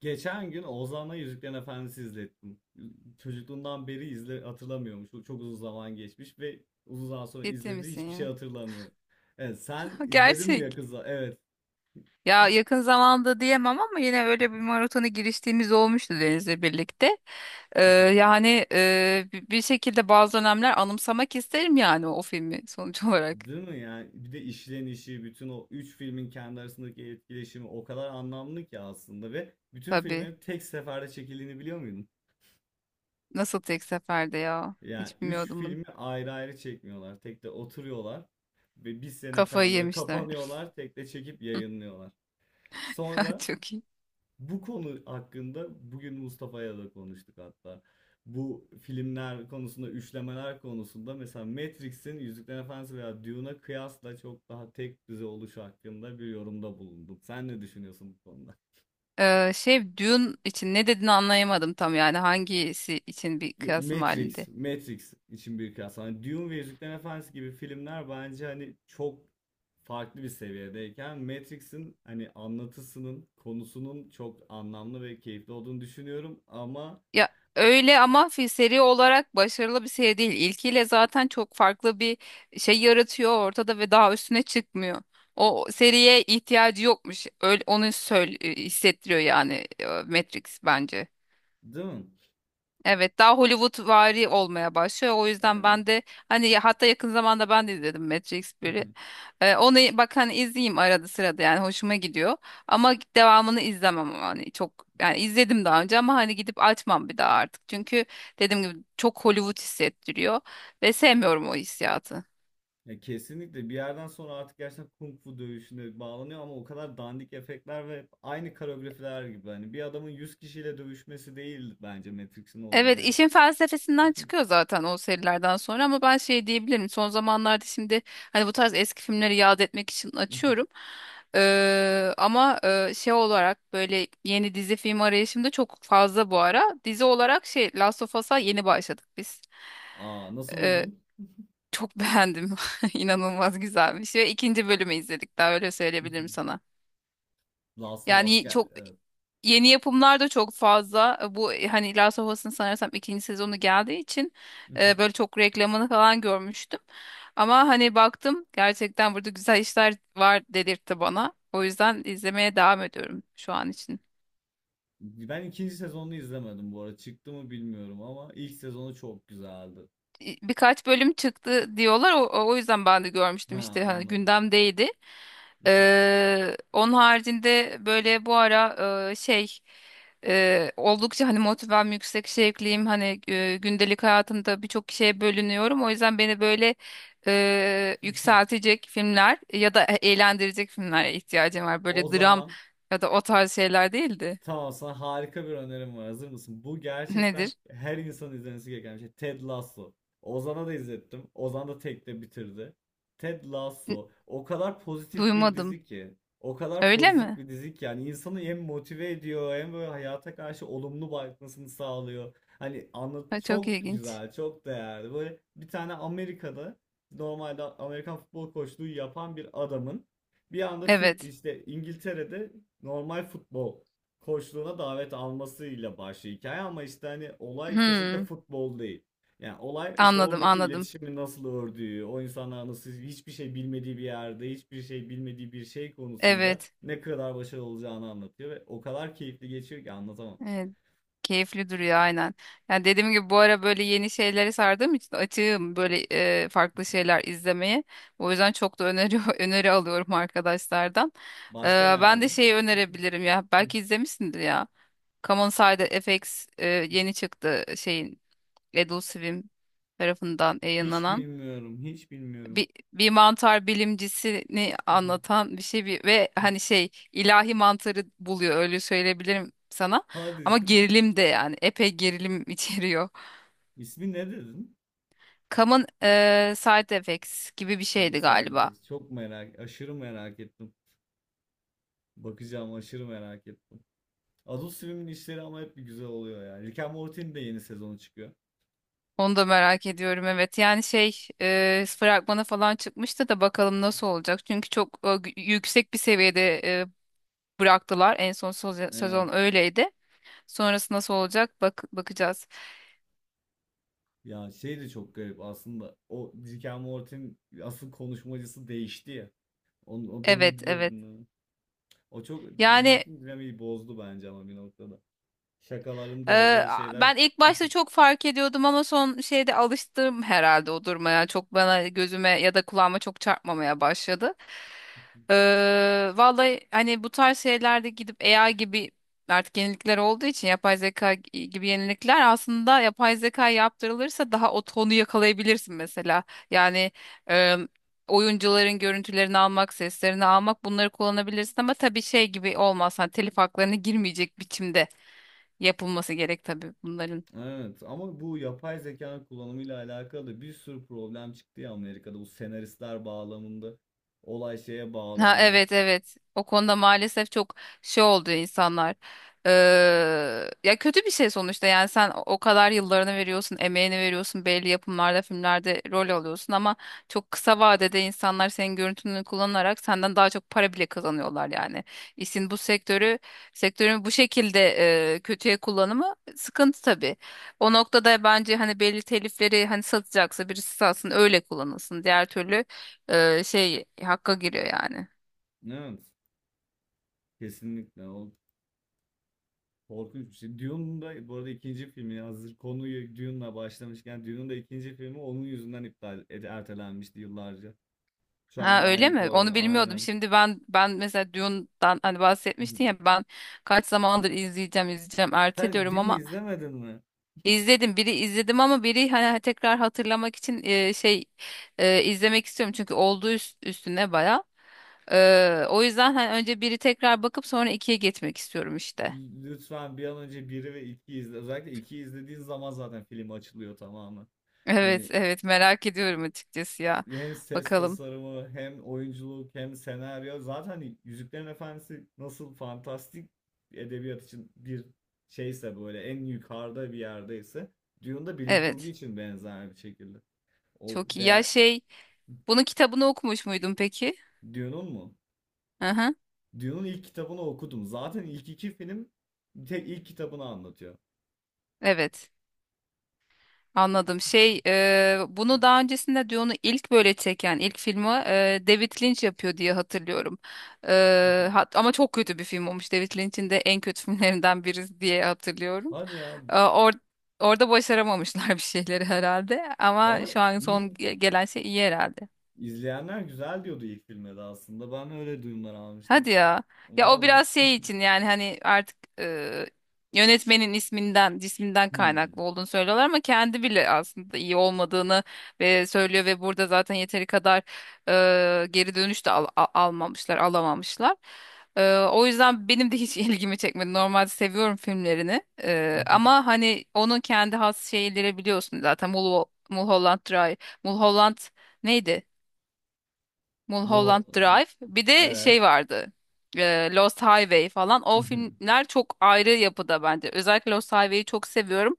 Geçen gün Ozan'la Yüzüklerin Efendisi izlettim. Çocukluğundan beri izle hatırlamıyormuş. O çok uzun zaman geçmiş ve uzun zaman sonra Ciddi izlediği misin hiçbir şey ya? hatırlamıyor. Evet, sen izledin mi Gerçek. Yakuza? Evet. Ya yakın zamanda diyemem ama yine öyle bir maratona giriştiğimiz olmuştu Deniz'le birlikte. Bir şekilde bazı dönemler anımsamak isterim yani o filmi sonuç olarak. Değil mi yani? Bir de işlenişi, bütün o üç filmin kendi arasındaki etkileşimi o kadar anlamlı ki aslında, ve bütün Tabii. filmlerin tek seferde çekildiğini biliyor muydun? Nasıl tek seferde ya? Yani Hiç üç bilmiyordum bunu. filmi ayrı ayrı çekmiyorlar. Tek de oturuyorlar ve bir sene Kafayı falan böyle yemişler. kapanıyorlar, tek de çekip yayınlıyorlar. Sonra Çok iyi. bu konu hakkında bugün Mustafa'ya da konuştuk hatta. Bu filmler konusunda, üçlemeler konusunda mesela Matrix'in Yüzüklerin Efendisi veya Dune'a kıyasla çok daha tek düze oluşu hakkında bir yorumda bulunduk. Sen ne düşünüyorsun bu konuda? Şey, Dune için ne dediğini anlayamadım tam, yani hangisi için bir kıyasım Matrix, halinde. Matrix için bir kıyas. Hani Dune ve Yüzüklerin Efendisi gibi filmler bence hani çok farklı bir seviyedeyken Matrix'in hani anlatısının, konusunun çok anlamlı ve keyifli olduğunu düşünüyorum ama Ya öyle ama seri olarak başarılı bir seri değil. İlkiyle zaten çok farklı bir şey yaratıyor ortada ve daha üstüne çıkmıyor. O seriye ihtiyacı yokmuş. Öyle onu söyle, hissettiriyor yani, Matrix bence. değil mi? Evet, daha Hollywoodvari olmaya başlıyor. O yüzden Evet. ben de hani hatta yakın zamanda ben de izledim Matrix 1'i. Onu bak, hani izleyeyim arada sırada, yani hoşuma gidiyor. Ama devamını izlemem, hani çok, yani izledim daha önce ama hani gidip açmam bir daha artık. Çünkü dediğim gibi çok Hollywood hissettiriyor ve sevmiyorum o hissiyatı. Ya kesinlikle bir yerden sonra artık gerçekten kung fu dövüşüne bağlanıyor, ama o kadar dandik efektler ve aynı koreografiler gibi hani bir adamın 100 kişiyle dövüşmesi değil bence Matrix'in olayı Evet, gerçekten. işin felsefesinden çıkıyor zaten o serilerden sonra. Ama ben şey diyebilirim, son zamanlarda şimdi hani bu tarz eski filmleri yad etmek için açıyorum. Ama şey olarak, böyle yeni dizi film arayışımda çok fazla bu ara, dizi olarak şey, Last of Us'a yeni başladık biz. Aa, nasıl Ee, buldun? Çok beğendim, inanılmaz güzelmiş. Ve ikinci bölümü izledik daha, öyle söyleyebilirim sana. Last of Us Yani gel. çok Evet. yeni yapımlar da çok fazla. Bu hani Last of Us'ın sanırsam ikinci sezonu geldiği için böyle çok reklamını falan görmüştüm. Ama hani baktım, gerçekten burada güzel işler var dedirtti bana. O yüzden izlemeye devam ediyorum şu an için. Ben ikinci sezonunu izlemedim bu arada. Çıktı mı bilmiyorum ama ilk sezonu çok güzeldi. Birkaç bölüm çıktı diyorlar. O yüzden ben de Ha, görmüştüm işte, hani anladım. gündemdeydi. Onun haricinde böyle bu ara e, şey oldukça hani motivem yüksek, şevkliyim, hani gündelik hayatımda birçok şeye bölünüyorum. O yüzden beni böyle yükseltecek filmler ya da eğlendirecek filmlere ihtiyacım var. O Böyle dram zaman ya da o tarz şeyler değildi. tamam, sana harika bir önerim var. Hazır mısın? Bu gerçekten Nedir? her insanın izlemesi gereken bir şey. Ted Lasso. Ozan'a da izlettim. Ozan da tekte bitirdi. Ted N- Lasso. O kadar pozitif bir Duymadım. dizi ki. O kadar Öyle pozitif mi? bir dizi ki. Yani insanı hem motive ediyor hem böyle hayata karşı olumlu bakmasını sağlıyor. Hani anlat Ha, çok çok ilginç. güzel, çok değerli. Böyle bir tane Amerika'da normalde Amerikan futbol koçluğu yapan bir adamın bir anda Türk Evet. işte İngiltere'de normal futbol koçluğuna davet almasıyla başlıyor hikaye, ama işte hani olay kesinlikle Hmm. futbol değil. Yani olay işte Anladım, oradaki anladım. iletişimi nasıl ördüğü, o insanlar nasıl hiçbir şey bilmediği bir yerde, hiçbir şey bilmediği bir şey konusunda Evet. ne kadar başarılı olacağını anlatıyor ve o kadar keyifli geçiyor ki anlatamam. Evet. Keyifli duruyor, aynen. Yani dediğim gibi, bu ara böyle yeni şeylere sardığım için açığım böyle farklı şeyler izlemeye. O yüzden çok da öneri öneri alıyorum arkadaşlardan. Ee, Başka ne Ben de aldın? şeyi önerebilirim ya. Belki izlemişsindir ya. Common On Side FX, yeni çıktı, şeyin, Adult Swim tarafından Hiç yayınlanan bilmiyorum, hiç bilmiyorum. bir, bir mantar bilimcisini anlatan bir şey. Ve hani şey, ilahi mantarı buluyor, öyle söyleyebilirim sana. Hadi. Ama gerilim de, yani epey gerilim içeriyor. İsmi ne dedin? Common Side Effects gibi bir Kanun şeydi Side. galiba. Çok merak, aşırı merak ettim. Bakacağım, aşırı merak ettim. Adult Swim'in işleri ama hep bir güzel oluyor yani. Rick and Morty'nin de yeni sezonu çıkıyor. Onu da merak ediyorum, evet. Yani şey, fragmana falan çıkmıştı da, bakalım nasıl olacak. Çünkü çok yüksek bir seviyede bıraktılar. En son Evet. sezon öyleydi. Sonrası nasıl olacak, bak bakacağız. Ya şey de çok garip aslında. O Rick and Morty'nin asıl konuşmacısı değişti ya. Onun, o durumu Evet, evet. biliyordun değil? O çok Yani bütün dinamiği bozdu bence ama bir noktada. Şakaların Ee, dozları şeyler. ben ilk başta çok fark ediyordum, ama son şeyde alıştım herhalde o durmaya. Çok bana, gözüme ya da kulağıma çok çarpmamaya başladı. Vallahi hani bu tarz şeylerde gidip AI gibi artık yenilikler olduğu için, yapay zeka gibi yenilikler, aslında yapay zeka yaptırılırsa daha o tonu yakalayabilirsin mesela. Yani e, oyuncuların görüntülerini almak, seslerini almak, bunları kullanabilirsin. Ama tabii şey gibi olmaz, hani telif haklarına girmeyecek biçimde yapılması gerek tabii bunların. Evet ama bu yapay zekanın kullanımıyla alakalı da bir sürü problem çıktı ya Amerika'da. Bu senaristler bağlamında olay şeye Ha, bağlandı. evet, evet. O konuda maalesef çok şey oldu insanlar. Ee, Ya kötü bir şey sonuçta. Yani sen o kadar yıllarını veriyorsun, emeğini veriyorsun, belli yapımlarda, filmlerde rol alıyorsun, ama çok kısa vadede insanlar senin görüntünü kullanarak senden daha çok para bile kazanıyorlar yani. İşin bu sektörü, Sektörün bu şekilde kötüye kullanımı sıkıntı tabii. O noktada bence hani belli telifleri, hani satacaksa birisi satsın, öyle kullanılsın. Diğer türlü şey, hakka giriyor yani. Evet. Kesinlikle. O korkunç bir şey. Dune'un da bu arada ikinci filmi, hazır konuyu Dune'la başlamışken, Dune'un da ikinci filmi onun yüzünden iptal ertelenmişti yıllarca. Şu anda Ha, da öyle aynı mi? programda Onu bilmiyordum. aynen. Şimdi ben mesela Dune'dan hani bahsetmiştin ya, ben kaç zamandır izleyeceğim izleyeceğim Sen erteliyorum Dune'u ama izlemedin mi? izledim. Biri izledim ama biri hani, hani tekrar hatırlamak için izlemek istiyorum, çünkü olduğu üstüne baya. E, o yüzden hani önce biri tekrar bakıp sonra ikiye geçmek istiyorum işte. Lütfen bir an önce biri ve 2'yi izle. Özellikle 2'yi izlediğin zaman zaten film açılıyor tamamen. Evet, Hani evet, merak ediyorum açıkçası ya. hem ses Bakalım. tasarımı hem oyunculuk hem senaryo, zaten hani Yüzüklerin Efendisi nasıl fantastik edebiyat için bir şeyse, böyle en yukarıda bir yerdeyse, Dune da bilim kurgu Evet. için benzer bir şekilde. O Çok iyi. Ya değer. şey, bunun kitabını okumuş muydun peki? Dune'un mu? Hı hı. Dune'un ilk kitabını okudum. Zaten ilk iki film tek ilk kitabını anlatıyor. Evet. Anladım. Şey, bunu daha öncesinde Dune'u ilk böyle çeken, ilk filmi David Lynch yapıyor diye hatırlıyorum. E, ama çok kötü bir film olmuş. David Lynch'in de en kötü filmlerinden birisi diye hatırlıyorum. Hadi ya, E, orada başaramamışlar bir şeyleri herhalde. Ama bana şu an son iyi gelen şey iyi herhalde. izleyenler güzel diyordu ilk filme de aslında. Ben öyle duyumlar Hadi almıştım. ya. Ya o Valla. biraz şey için, yani hani artık yönetmenin isminden, cisminden Hmm. kaynaklı olduğunu söylüyorlar, ama kendi bile aslında iyi olmadığını ve söylüyor. Ve burada zaten yeteri kadar geri dönüş de almamışlar, alamamışlar. E, o yüzden benim de hiç ilgimi çekmedi. Normalde seviyorum filmlerini. E, ama hani onun kendi has şeyleri biliyorsun zaten, Mulholland Drive, Mulholland, neydi? Mulholland Bu Drive. Bir de şey evet. vardı, Lost Highway falan. O filmler çok ayrı yapıda bence. Özellikle Lost Highway'i çok seviyorum.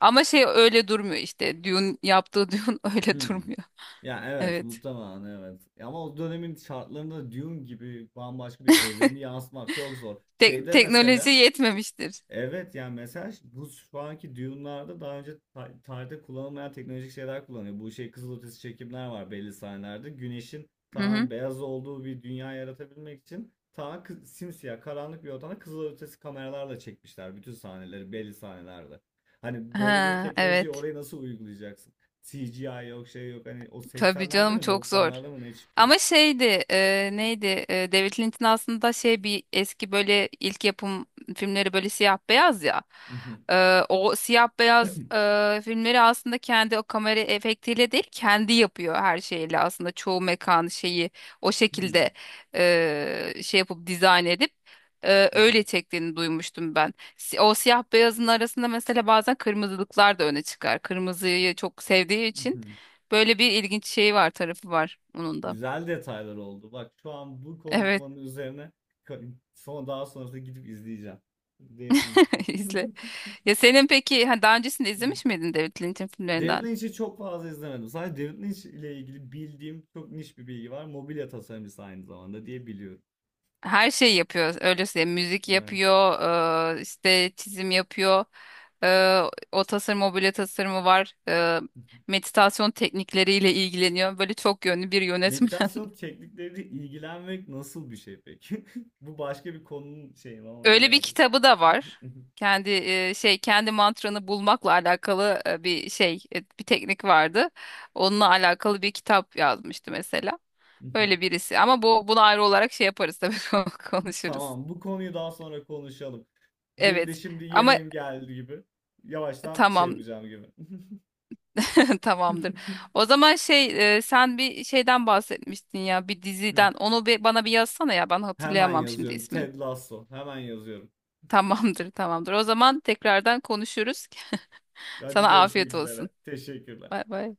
Ama şey öyle durmuyor işte. Dune, yaptığı Dune öyle Hmm. durmuyor. Ya evet, Evet. muhtemelen evet. Ama o dönemin şartlarında Dune gibi bambaşka bir evreni yansıtmak çok zor. Tek Şeyde teknoloji mesela yetmemiştir. evet, yani mesela bu şu anki Dune'larda daha önce tarihte kullanılmayan teknolojik şeyler kullanıyor. Bu şey kızılötesi çekimler var belli sahnelerde. Güneşin Hı hı. tamamen beyaz olduğu bir dünya yaratabilmek için tamamen simsiyah karanlık bir ortamda kızılötesi kameralarla çekmişler bütün sahneleri belli sahnelerde. Hani böyle bir Ha, teknolojiyi evet. oraya nasıl uygulayacaksın? CGI yok, şey yok, hani o Tabii 80'lerde canım, mi çok zor. 90'larda mı ne çıkıyor? Ama şeydi, David Lynch'in aslında şey, bir eski böyle ilk yapım filmleri böyle siyah beyaz ya. O siyah beyaz filmleri aslında kendi o kamera efektiyle değil, kendi yapıyor her şeyle. Aslında çoğu mekan şeyi o şekilde şey yapıp, dizayn edip öyle çektiğini duymuştum ben. O siyah beyazın arasında mesela bazen kırmızılıklar da öne çıkar, kırmızıyı çok sevdiği için. Böyle bir ilginç şey var, tarafı var onun da. Güzel detaylar oldu. Bak şu an bu Evet, konuşmanın üzerine son daha sonrasında gidip izleyeceğim. David Lynch. izle. Ya senin peki, ha, daha öncesinde izlemiş miydin David Lynch'in David filmlerinden? Lynch'i çok fazla izlemedim. Sadece David Lynch ile ilgili bildiğim çok niş bir bilgi var. Mobilya tasarımcısı aynı zamanda diye biliyorum. Her şeyi yapıyor, öyle söyleyeyim. Müzik Evet. yapıyor, işte çizim yapıyor. Eee, O tasarım, mobilya tasarımı var. Meditasyon teknikleriyle ilgileniyor. Böyle çok yönlü bir yönetmen. Meditasyon teknikleriyle ilgilenmek nasıl bir şey peki? Bu başka bir konunun şeyi ama Öyle bir bilemedim. kitabı da var. Kendi şey, kendi mantranı bulmakla alakalı bir teknik vardı. Onunla alakalı bir kitap yazmıştı mesela. Öyle birisi. Ama bunu ayrı olarak şey yaparız tabii, konuşuruz. Tamam, bu konuyu daha sonra konuşalım. Benim de Evet. şimdi Ama yemeğim geldi gibi. Yavaştan şey tamam. yapacağım gibi. Tamamdır. O zaman şey, sen bir şeyden bahsetmiştin ya, bir Hı. diziden. Onu bana bir yazsana ya, ben Hemen hatırlayamam şimdi yazıyorum. ismini. Ted Lasso. Hemen yazıyorum. Tamamdır, tamamdır. O zaman tekrardan konuşuruz. Hadi, Sana görüşmek afiyet olsun. üzere. Teşekkürler. Bay bay.